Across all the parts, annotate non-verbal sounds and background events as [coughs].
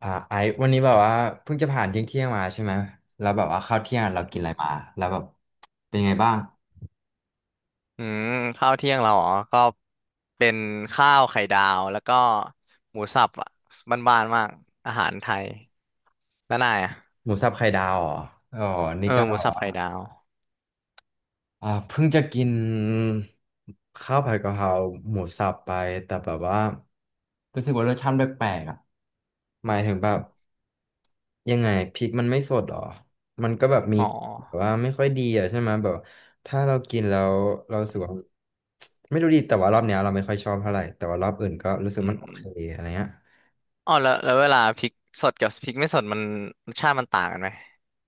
ไอซ์วันนี้แบบว่าเพิ่งจะผ่านเที่ยงมาใช่ไหมแล้วแบบว่าข้าวเที่ยงเรากินอะไรมาแล้วแบบเป็นไงบ้างอืมข้าวเที่ยงเราอ๋อก็เป็นข้าวไข่ดาวแล้วก็หมูสับอ่ะบ้านๆมากอาหารไทยแล้วนายอ่ะหมูสับไข่ดาวเหรออ๋อนี่เออก็ หมูสับไข่ดาวเพิ่งจะกินข้าวผัดกะเพราหมูสับไปแต่แบบว่ารู้สึกว่ารสชาติแปลกๆอ่ะหมายถึงแบบยังไงพริกมันไม่สดหรอมันก็แบบมีอ๋อแบบว่าไม่ค่อยดีอ่ะใช่ไหมแบบถ้าเรากินแล้วเรารู้สึกว่าไม่รู้ดีแต่ว่ารอบเนี้ยเราไม่ค่อยชอบเท่าไหร่แต่ว่ารอบอื่นก็รู้สึกอืมันโอมเคอะไรเงี้ยอ๋อแล้วเวลาพริกสดกับพริกไม่สดมันรสชาติมันต่างกันไหม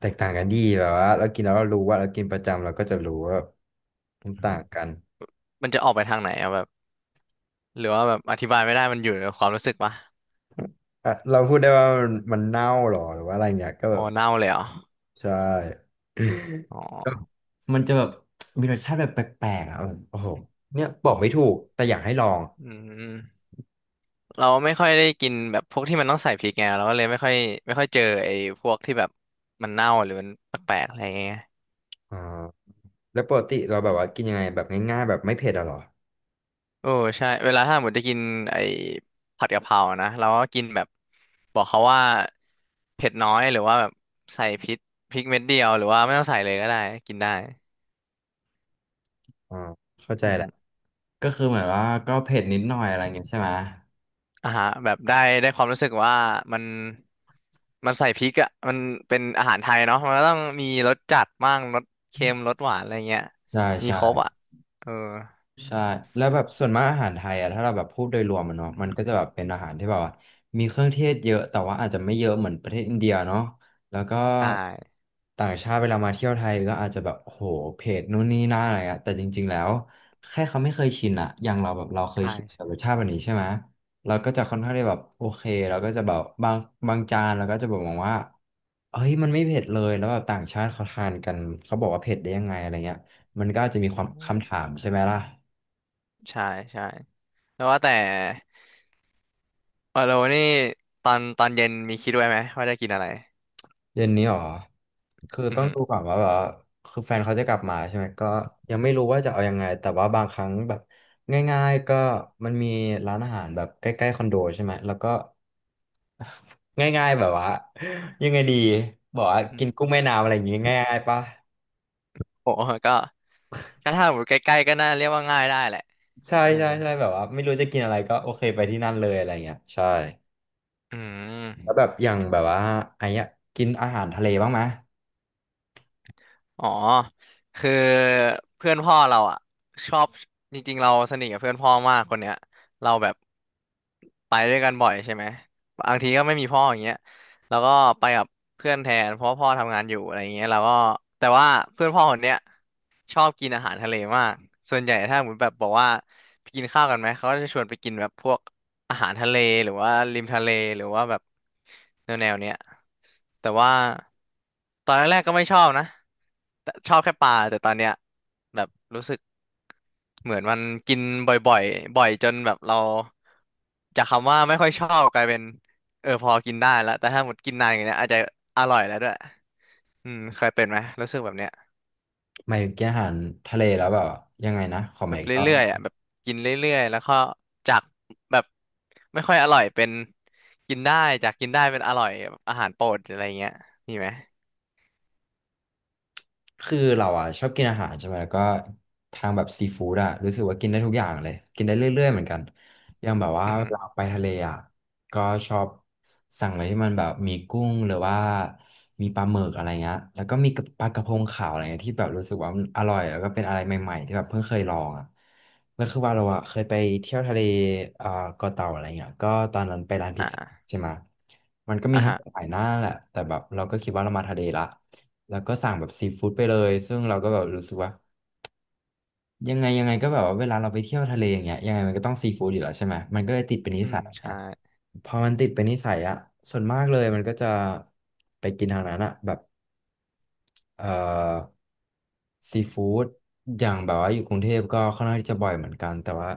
แตกต่างกันดีแบบว่าเรากินแล้วเรารู้ว่าเรากินประจำเราก็จะรู้ว่ามันต่างกัน มันจะออกไปทางไหนอ่ะแบบหรือว่าแบบอธิบายไม่ได้มันอยู่ในความรู้สึกปะอ่ะเราพูดได้ว่ามันเน่าหรอหรือว่าอะไรเงี้ยก็แบอ๋อบเน่าเลยเหรอใช่ อ๋อ [coughs] มันจะแบบมีรสชาติแบบแปลกๆอ่ะแบบโอ้โหเนี่ยบอกไม่ถูกแต่อยากให้ลองอืม เราไม่ค่อยได้กินแบบพวกที่มันต้องใส่พริกไงเราก็เลยไม่ค่อยเจอไอ้พวกที่แบบมันเน่าหรือมันแปลกๆอะไรอย่างเงี้ยอ่าแล้วปกติเราแบบว่ากินยังไงแบบง่ายๆแบบไม่เผ็ดอะเหรอโอ้ใช่เวลาถ้าหมดได้กินไอ้ผัดกะเพรานะเราก็กินแบบบอกเขาว่าเผ็ดน้อยหรือว่าแบบใส่พริกพริกเม็ดเดียวหรือว่าไม่ต้องใส่เลยก็ได้กินได้อ่าเข้าใจอือแหละฮึก็คือเหมือนว่าก็เผ็ดนิดหน่อยอะไรเงี้ยใช่ไหมอ่าฮะแบบได้ได้ความรู้สึกว่ามันมันใส่พริกอ่ะมันเป็นอาหารไทยเนาะมันก็ต้องมีรสจัดบ้างรสเค็มรสหวานอะไรเงี้ยใช่มีครบใช่ อ่ะเออ ใช่แล้วแบบส่วนมากอาหารไทยอะถ้าเราแบบพูดโดยรวมมันเนาะมันก็จะแบบเป็นอาหารที่แบบว่ามีเครื่องเทศเยอะแต่ว่าอาจจะไม่เยอะเหมือนประเทศอินเดียเนาะแล้วก็ใช่ต่างชาติเวลามาเที่ยวไทยก็อาจจะแบบโอ้โหเผ็ดนู่นนี่นั่นอะไรอะแต่จริงๆแล้วแค่เขาไม่เคยชินอะอย่างเราแบบเราเคยใช่ชินกับใช่รสชาติแบบนี้ใช่ไหมเราก็จะค่อนข้างได้แบบโอเคเราก็จะแบบบางจานเราก็จะบอกว่าเฮ้ยมันไม่เผ็ดเลยแล้วแบบต่างชาติเขาทานกันเขาบอกว่าเผ็ดได้ยังไงอะไรเงี้ยมันก็อาจจะมีคอืวามคำมถามใช่ไหมล่ะ ใช่ใช่แล้วว่าแต่วาโานี่ตอนเย็นมีคิดไว้ไหมว่าจะกินอะไรเย็นนี้หรอคืออืมต้อองหือดูก่อนว่าแบบว่าคือแฟนเขาจะกลับมาใช่ไหม ก็ยังไม่รู้ว่าจะเอายังไง แต่ว่าบางครั้งแบบง่ายๆก็มันมีร้านอาหารแบบใกล้ๆคอนโดใช่ไหมแล้วก็ [laughs] ง่ายๆแบบว่ายังไงดีบอกว่าอืกินมกุ้งแม่น้ำอะไรอย่างงี้ง่ายๆปะโอ้ก็ก็ถ้าหมดใกล้ๆก็น่าเรียกว่าง่ายได้แหละใช่เออใช่ใช่แบบว่าไม่รู้จะกินอะไรก็โอเคไปที่นั่นเลยอะไรเงี้ยใช่อืแล้วม แบบอย่างแบบว่าไอ้เนี้ยกินอาหารทะเลบ้างไหมอ๋อคือเพื่อนพ่อเราอ่ะชอบจริงๆเราสนิทกับเพื่อนพ่อมากคนเนี้ยเราแบบไปด้วยกันบ่อยใช่ไหมบางทีก็ไม่มีพ่ออย่างเงี้ยแล้วก็ไปกับเพื่อนแทนเพราะว่าพ่อทำงานอยู่อะไรเงี้ยเราก็แต่ว่าเพื่อนพ่อคนเนี้ยชอบกินอาหารทะเลมากส่วนใหญ่ถ้าเหมือนแบบบอกว่าไปกินข้าวกันไหมเขาก็จะชวนไปกินแบบพวก อาหารทะเลหรือว่าริมทะเลหรือว่าแบบแนวแนวเนี้ยแต่ว่าตอนแรกๆก็ไม่ชอบนะแต่ชอบแค่ปลาแต่ตอนเนี้ยแบบรู้สึกเหมือนมันกินบ่อยๆบ่อยจนแบบเราจากคำว่าไม่ค่อยชอบกลายเป็นเออพอกินได้แล้วแต่ถ้าหมดกินนานอย่างเงี้ยอาจจะอร่อยแล้วด้วยอืมเคยเป็นไหมรู้สึกแบบเนี้ย หมายถึงกินอาหารทะเลแล้วแบบว่ายังไงนะขอใหแบม่บอีกรอเรื่อบ ยๆอ่ะแบบกินเรื่อยๆ แล้วก็จากแบบไม่ค่อยอร่อยเป็นกินได้จากกินได้เป็นอร่อยแบบอาหารโปรดอะไรเงี้ยมีไหมคือเราอ่ะชอบกินอาหารใช่ไหมแล้วก็ทางแบบซีฟู้ดอ่ะรู้สึกว่ากินได้ทุกอย่างเลยกินได้เรื่อยๆเหมือนกันอย่างแบบว่าอือฮึเวลาไปทะเลอ่ะก็ชอบสั่งอะไรที่มันแบบมีกุ้งหรือว่ามีปลาหมึกอะไรเงี้ยแล้วก็มีปลากอระพงมขาวอะไรเงี้ยที่แบบรู้สึกว่ามันอร่อยแล้วก็เป็นอะไรใหม่ๆที่แบบเพิ่งเคยลองอ่ะแล้วคือว่าเราอ่ะเคยไปเที่ยวทะเลอ่าเกาะเต่าอะไรเงี้ยก็ตอนนั้นไปร้านพิซซ่าอ่าใช่ไหมมันก็มีอ่าให้ฮะหลายหน้าแหละแต่แบบเราก็คิดว่าเรามาทะเลละ แล้วก็สั่งแบบซีฟู้ดไปเลยซึ่งเราก็แบบรู้สึกว่ายังไงก็แบบว่าเวลาเราไปเที่ยวทะเลอย่างเงี้ยยังไงมันก็ต้องซีฟู้ดอยู่แล้วใช่ไหมมันก็เลยติดเป็นนิอืมสัยอย่างเงี้ใช่ยพอมันติดเป็นนิสัยอะส่วนมากเลยมันก็จะไปกินทางนั้นอะแบบเอ่อซีฟู้ดอย่างแบบว่าอยู่กรุงเทพก็ค่อนข้างที่จะบ่อยเหมือนกันแต่ว่า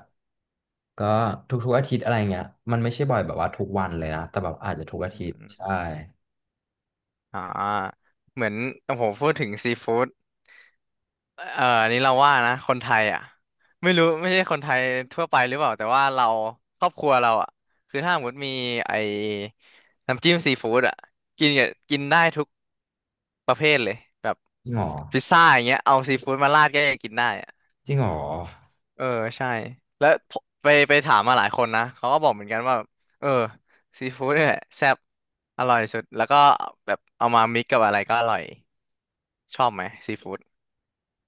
ก็ทุกๆอาทิตย์อะไรเงี้ยมันไม่ใช่บ่อยแบบว่าทุกวันเลยนะแต่แบบอาจจะทุกอาอืมทิตอย์ใช่มอ่าเหมือนโอ้โหพูดถึงซีฟู้ด อันนี้เราว่านะคนไทยอ่ะไม่รู้ไม่ใช่คนไทยทั่วไปหรือเปล่าแต่ว่าเราครอบครัวเราอ่ะคือถ้าสมมติมีไอ้น้ำจิ้มซีฟู้ดอ่ะกินกับกินได้ทุกประเภทเลยแบบจริงเหรอพิซซ่าอย่างเงี้ยเอาซีฟู้ดมาราดก็ยังกินได้อ่ะจริงเหรอ เออใช่แล้วผมไปถามมาหลายคนนะเขาก็บอกเหมือนกันว่าเออซีฟู้ดเนี่ยแหละแซ่บอร่อยสุดแล้วก็แบบเอามามิกกับอะไรก็อร่อยชอบไหมซีฟู้ด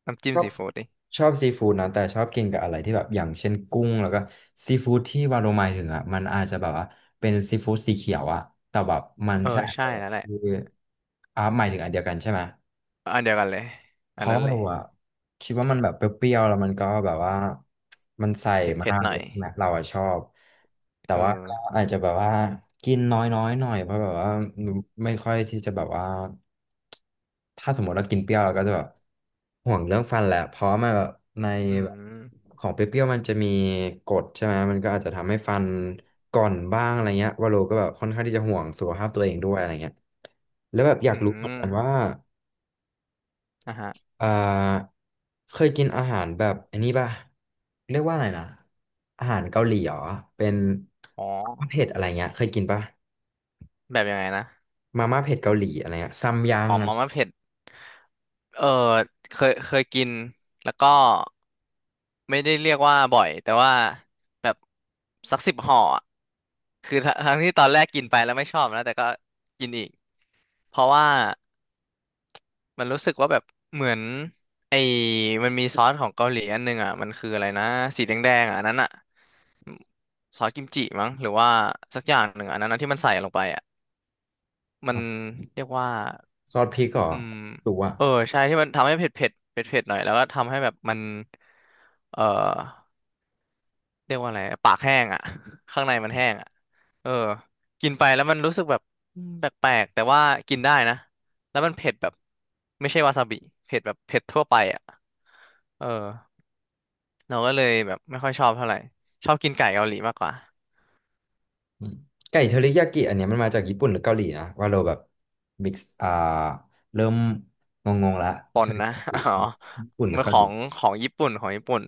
น้ำจิ้ชมอบซีฟู้ดดิชอบซีฟู้ดนะแต่ชอบกินกับอะไรที่แบบอย่างเช่นกุ้งแล้วก็ซีฟู้ดที่วาโรหมายถึงอ่ะมันอาจจะแบบว่าเป็นซีฟู้ดสีเขียวอ่ะแต่แบบมันเออใช่อันใช่เดียวกับแล้วแหละ ที่อ่าหมายถึงอันเดียวกันใช่ไหม อันเดียวกันเลยเพอันราะนั้นว่าเลเรายอะคิดว่ามันแบบเปรี้ยวๆแล้วมันก็แบบว่ามันใส่เผ็ดมาเผ็ดกหเลน่อยยใช่ไหมเราอะชอบแต่เออว่าก็อาจจะแบบว่ากินน้อยๆหน่อยเพราะแบบว่าไม่ค่อยที่จะแบบว่าถ้าสมมติเรากินเปรี้ยวเราก็จะแบบห่วงเรื่องฟันแหละเพราะว่ามันแบบในอืแบบมของเปรี้ยวๆมันจะมีกรดใช่ไหมมันก็อาจจะทำให้ฟันก่อนบ้างอะไรเงี้ยว่าโลก็แบบค่อนข้างที่จะห่วงสุขภาพตัวเองด้วยอะไรเงี้ยแล้วแบบออืยากรู้เหมือนกันว่า มนะฮะอ่าเคยกินอาหารแบบอันนี้ป่ะเรียกว่าอะไรนะอาหารเกาหลีเหรอเป็นอ๋อม่าเผ็ดอะไรเงี้ยเคยกินป่ะแบบยังไงนะมาม่าเผ็ดเกาหลีอะไรเงี้ยซัมยังอ๋ออะมาม่าเผ็ดเออเคยเคยกินแล้วก็ไม่ได้เรียกว่าบ่อยแต่ว่าแบบสัก10ห่ออะคือทั้งที่ตอนแรกกินไปแล้วไม่ชอบนะแต่ก็กินอีกเพราะว่ามันรู้สึกว่าแบบเหมือนไอ้มันมีซอสของเกาหลีอันนึงอ่ะมันคืออะไรนะสีแดงๆอ่ะอันนั้นอ่ะ ซอสกิมจิมั้งหรือว่าสักอย่างหนึ่งอันนั้นนะที่มันใส่ลงไปอ่ะมันเรียกว่าซอสพริกเหรออืมหรือว่าเออใช่ที่มันทำให้เผ็ดเผ็ดเผ็ดเผ็ดหน่อยแล้วก็ทำให้แบบมันเออเรียกว่าอะไรปากแห้งอ่ะ [laughs] ข้างในมันแห้งอ่ะเออกินไปแล้วมันรู้สึกแบบอืมแปลกๆแต่ว่ากินได้นะแล้วมันเผ็ดแบบไม่ใช่วาซาบิเผ็ดแบบเผ็ดทั่วไปอ่ะเออเราก็เลยแบบไม่ค่อยชอบเท่าไหร่ชอบกินไก่เกาหลีมากกว่า อืมไก่เทอริยากิอันเนี้ยมันมาจากญี่ปุ่นหรือเกาหลีนะว่าเราแบบมิกซ์อ่าเริ่มงงๆละปเทอนรินะ ยา [laughs] กิอ๋อญี่ปุ่นหรืมัอนเกาขหอลีงของญี่ปุ่นของญี่ปุ่น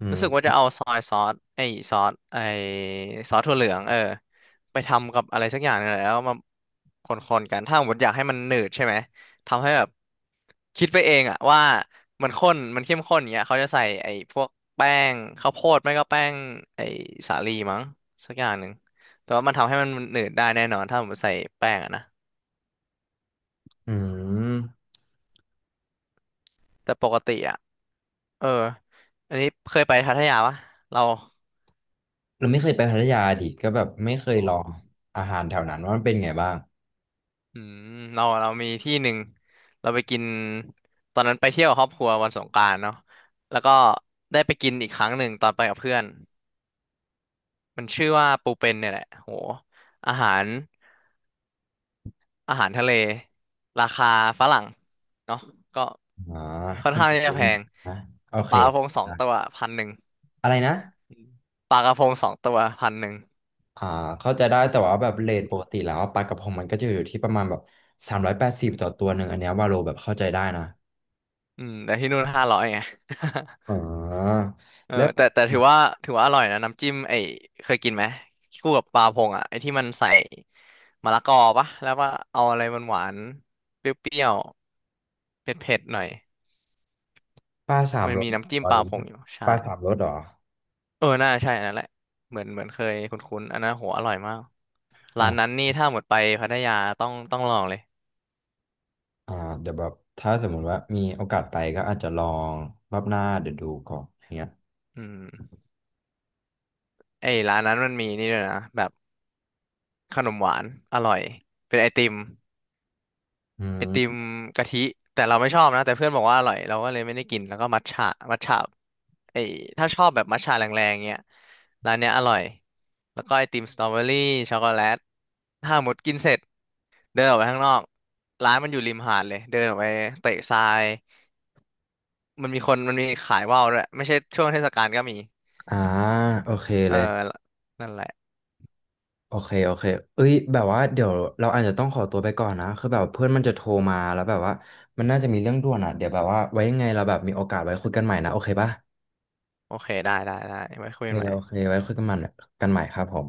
อืรู้สึกว่าจะมเอาซอยซอสไอ้ซอสไอ้ซอสถั่วเหลืองเออไปทำกับอะไรสักอย่างนึงแหละแล้วมาคนๆกันถ้าสมมติอยากให้มันหนืดใช่ไหมทำให้แบบคิดไปเองอะว่ามันข้นมันเข้มข้นอย่างเงี้ยเขาจะใส่ไอ้พวกแป้งข้าวโพดไม่ก็แป้งไอ้สาลีมั้งสักอย่างหนึ่งแต่ว่ามันทำให้มันหนืดได้แน่นอนถ้าผมติใส่แป้งอะนะ อืมแต่ปกติอ่ะเอออันนี้เคยไปพัทยาปะเราเราไม่เคยไปพัทยาดิก็แบบไม่เคยอ๋อลองอาหารแถวนั้นว่ามันเป็นไงบ้าง อืมเราเรามีที่หนึ่ง เราไปกินตอนนั้นไปเที่ยวกับครอบครัววันสงกรานต์เนาะแล้วก็ได้ไปกินอีกครั้งหนึ่งตอนไปกับเพื่อน มันชื่อว่าปูเป็นเนี่ยแหละ โหอาหารอาหารทะเล ราคาฝรั่ง เนาะก็อ่าค่อนอันข้างนี้ที่ผจะแพมงนะโอปเคลากระพงสองนะตัวพันหนึ่งอะไรนะปลากระพงสองตัวพันหนึ่งอ่าเข้าใจได้แต่ว่าแบบเรทปกติแล้วปลากระพงมันก็จะอยู่ที่ประมาณแบบ380ต่อตัวหนึ่งอันเนี้ยวาโลแบบเข้าใจได้นะอืมแต่ที่นู่น500ไง [laughs] อ๋อเออแล้วแต่ถือว่าอร่อยนะน้ำจิ้มไอ้เคยกินไหมคู่กับปลาพงอ่ะไอ้ที่มันใส่มะละกอปะแล้วว่าเอาอะไรหวานหวานเปรี้ยวๆเผ็ดๆหน่อยปลาสามมันรสมีเหรอน้ำจิ้มวาปโลลาพงอยู่ปใช่ลาสามรสเหรอเออน่าใช่อันนั้นแหละเหมือนเคยคุ้นๆอันนั้นโหอร่อยมากร้านนั้นอ่านี่ถ้าหมดไปพัทยาต้องลองเลยอ่าเดี๋ยวแบบถ้าสมมุติว่ามีโอกาสไปก็อาจจะลองรอบหน้าเดี๋ยวดูก่อนอย่างเงี้ยอืมไอ้ร้านนั้นมันมีนี่ด้วยนะแบบขนมหวานอร่อยเป็นไอติม อืไอติมมกะทิแต่เราไม่ชอบนะแต่เพื่อนบอกว่าอร่อยเราก็เลยไม่ได้กินแล้วก็มัทฉะมัทฉะไอถ้าชอบแบบมัทฉะแรงๆเงี้ยร้านเนี้ยอร่อยแล้วก็ไอติมสตรอเบอรี่ช็อกโกแลตถ้าหมดกินเสร็จเดินออกไปข้างนอกร้านมันอยู่ริมหาดเลยเดินออกไปเตะทรายมันมีคนมันมีขายว่าวด้วยไม่ใช่ช่วงเทศกาลก็มีอ่าโอเคเออเลย นั่นแหละโอเคโอเค เอ้ยแบบว่าเดี๋ยวเราอาจจะต้องขอตัวไปก่อนนะคือแบบเพื่อนมันจะโทรมาแล้วแบบว่ามันน่าจะมีเรื่องด่วนอ่ะเดี๋ยวแบบว่าไว้ยังไงเราแบบมีโอกาสไว้คุยกันใหม่นะ โอเคป่ะโอเคได้ได้ได้ไว้คุโอยเคกันใหม่โอเค ไว้คุยกันใหม่กันใหม่ครับผม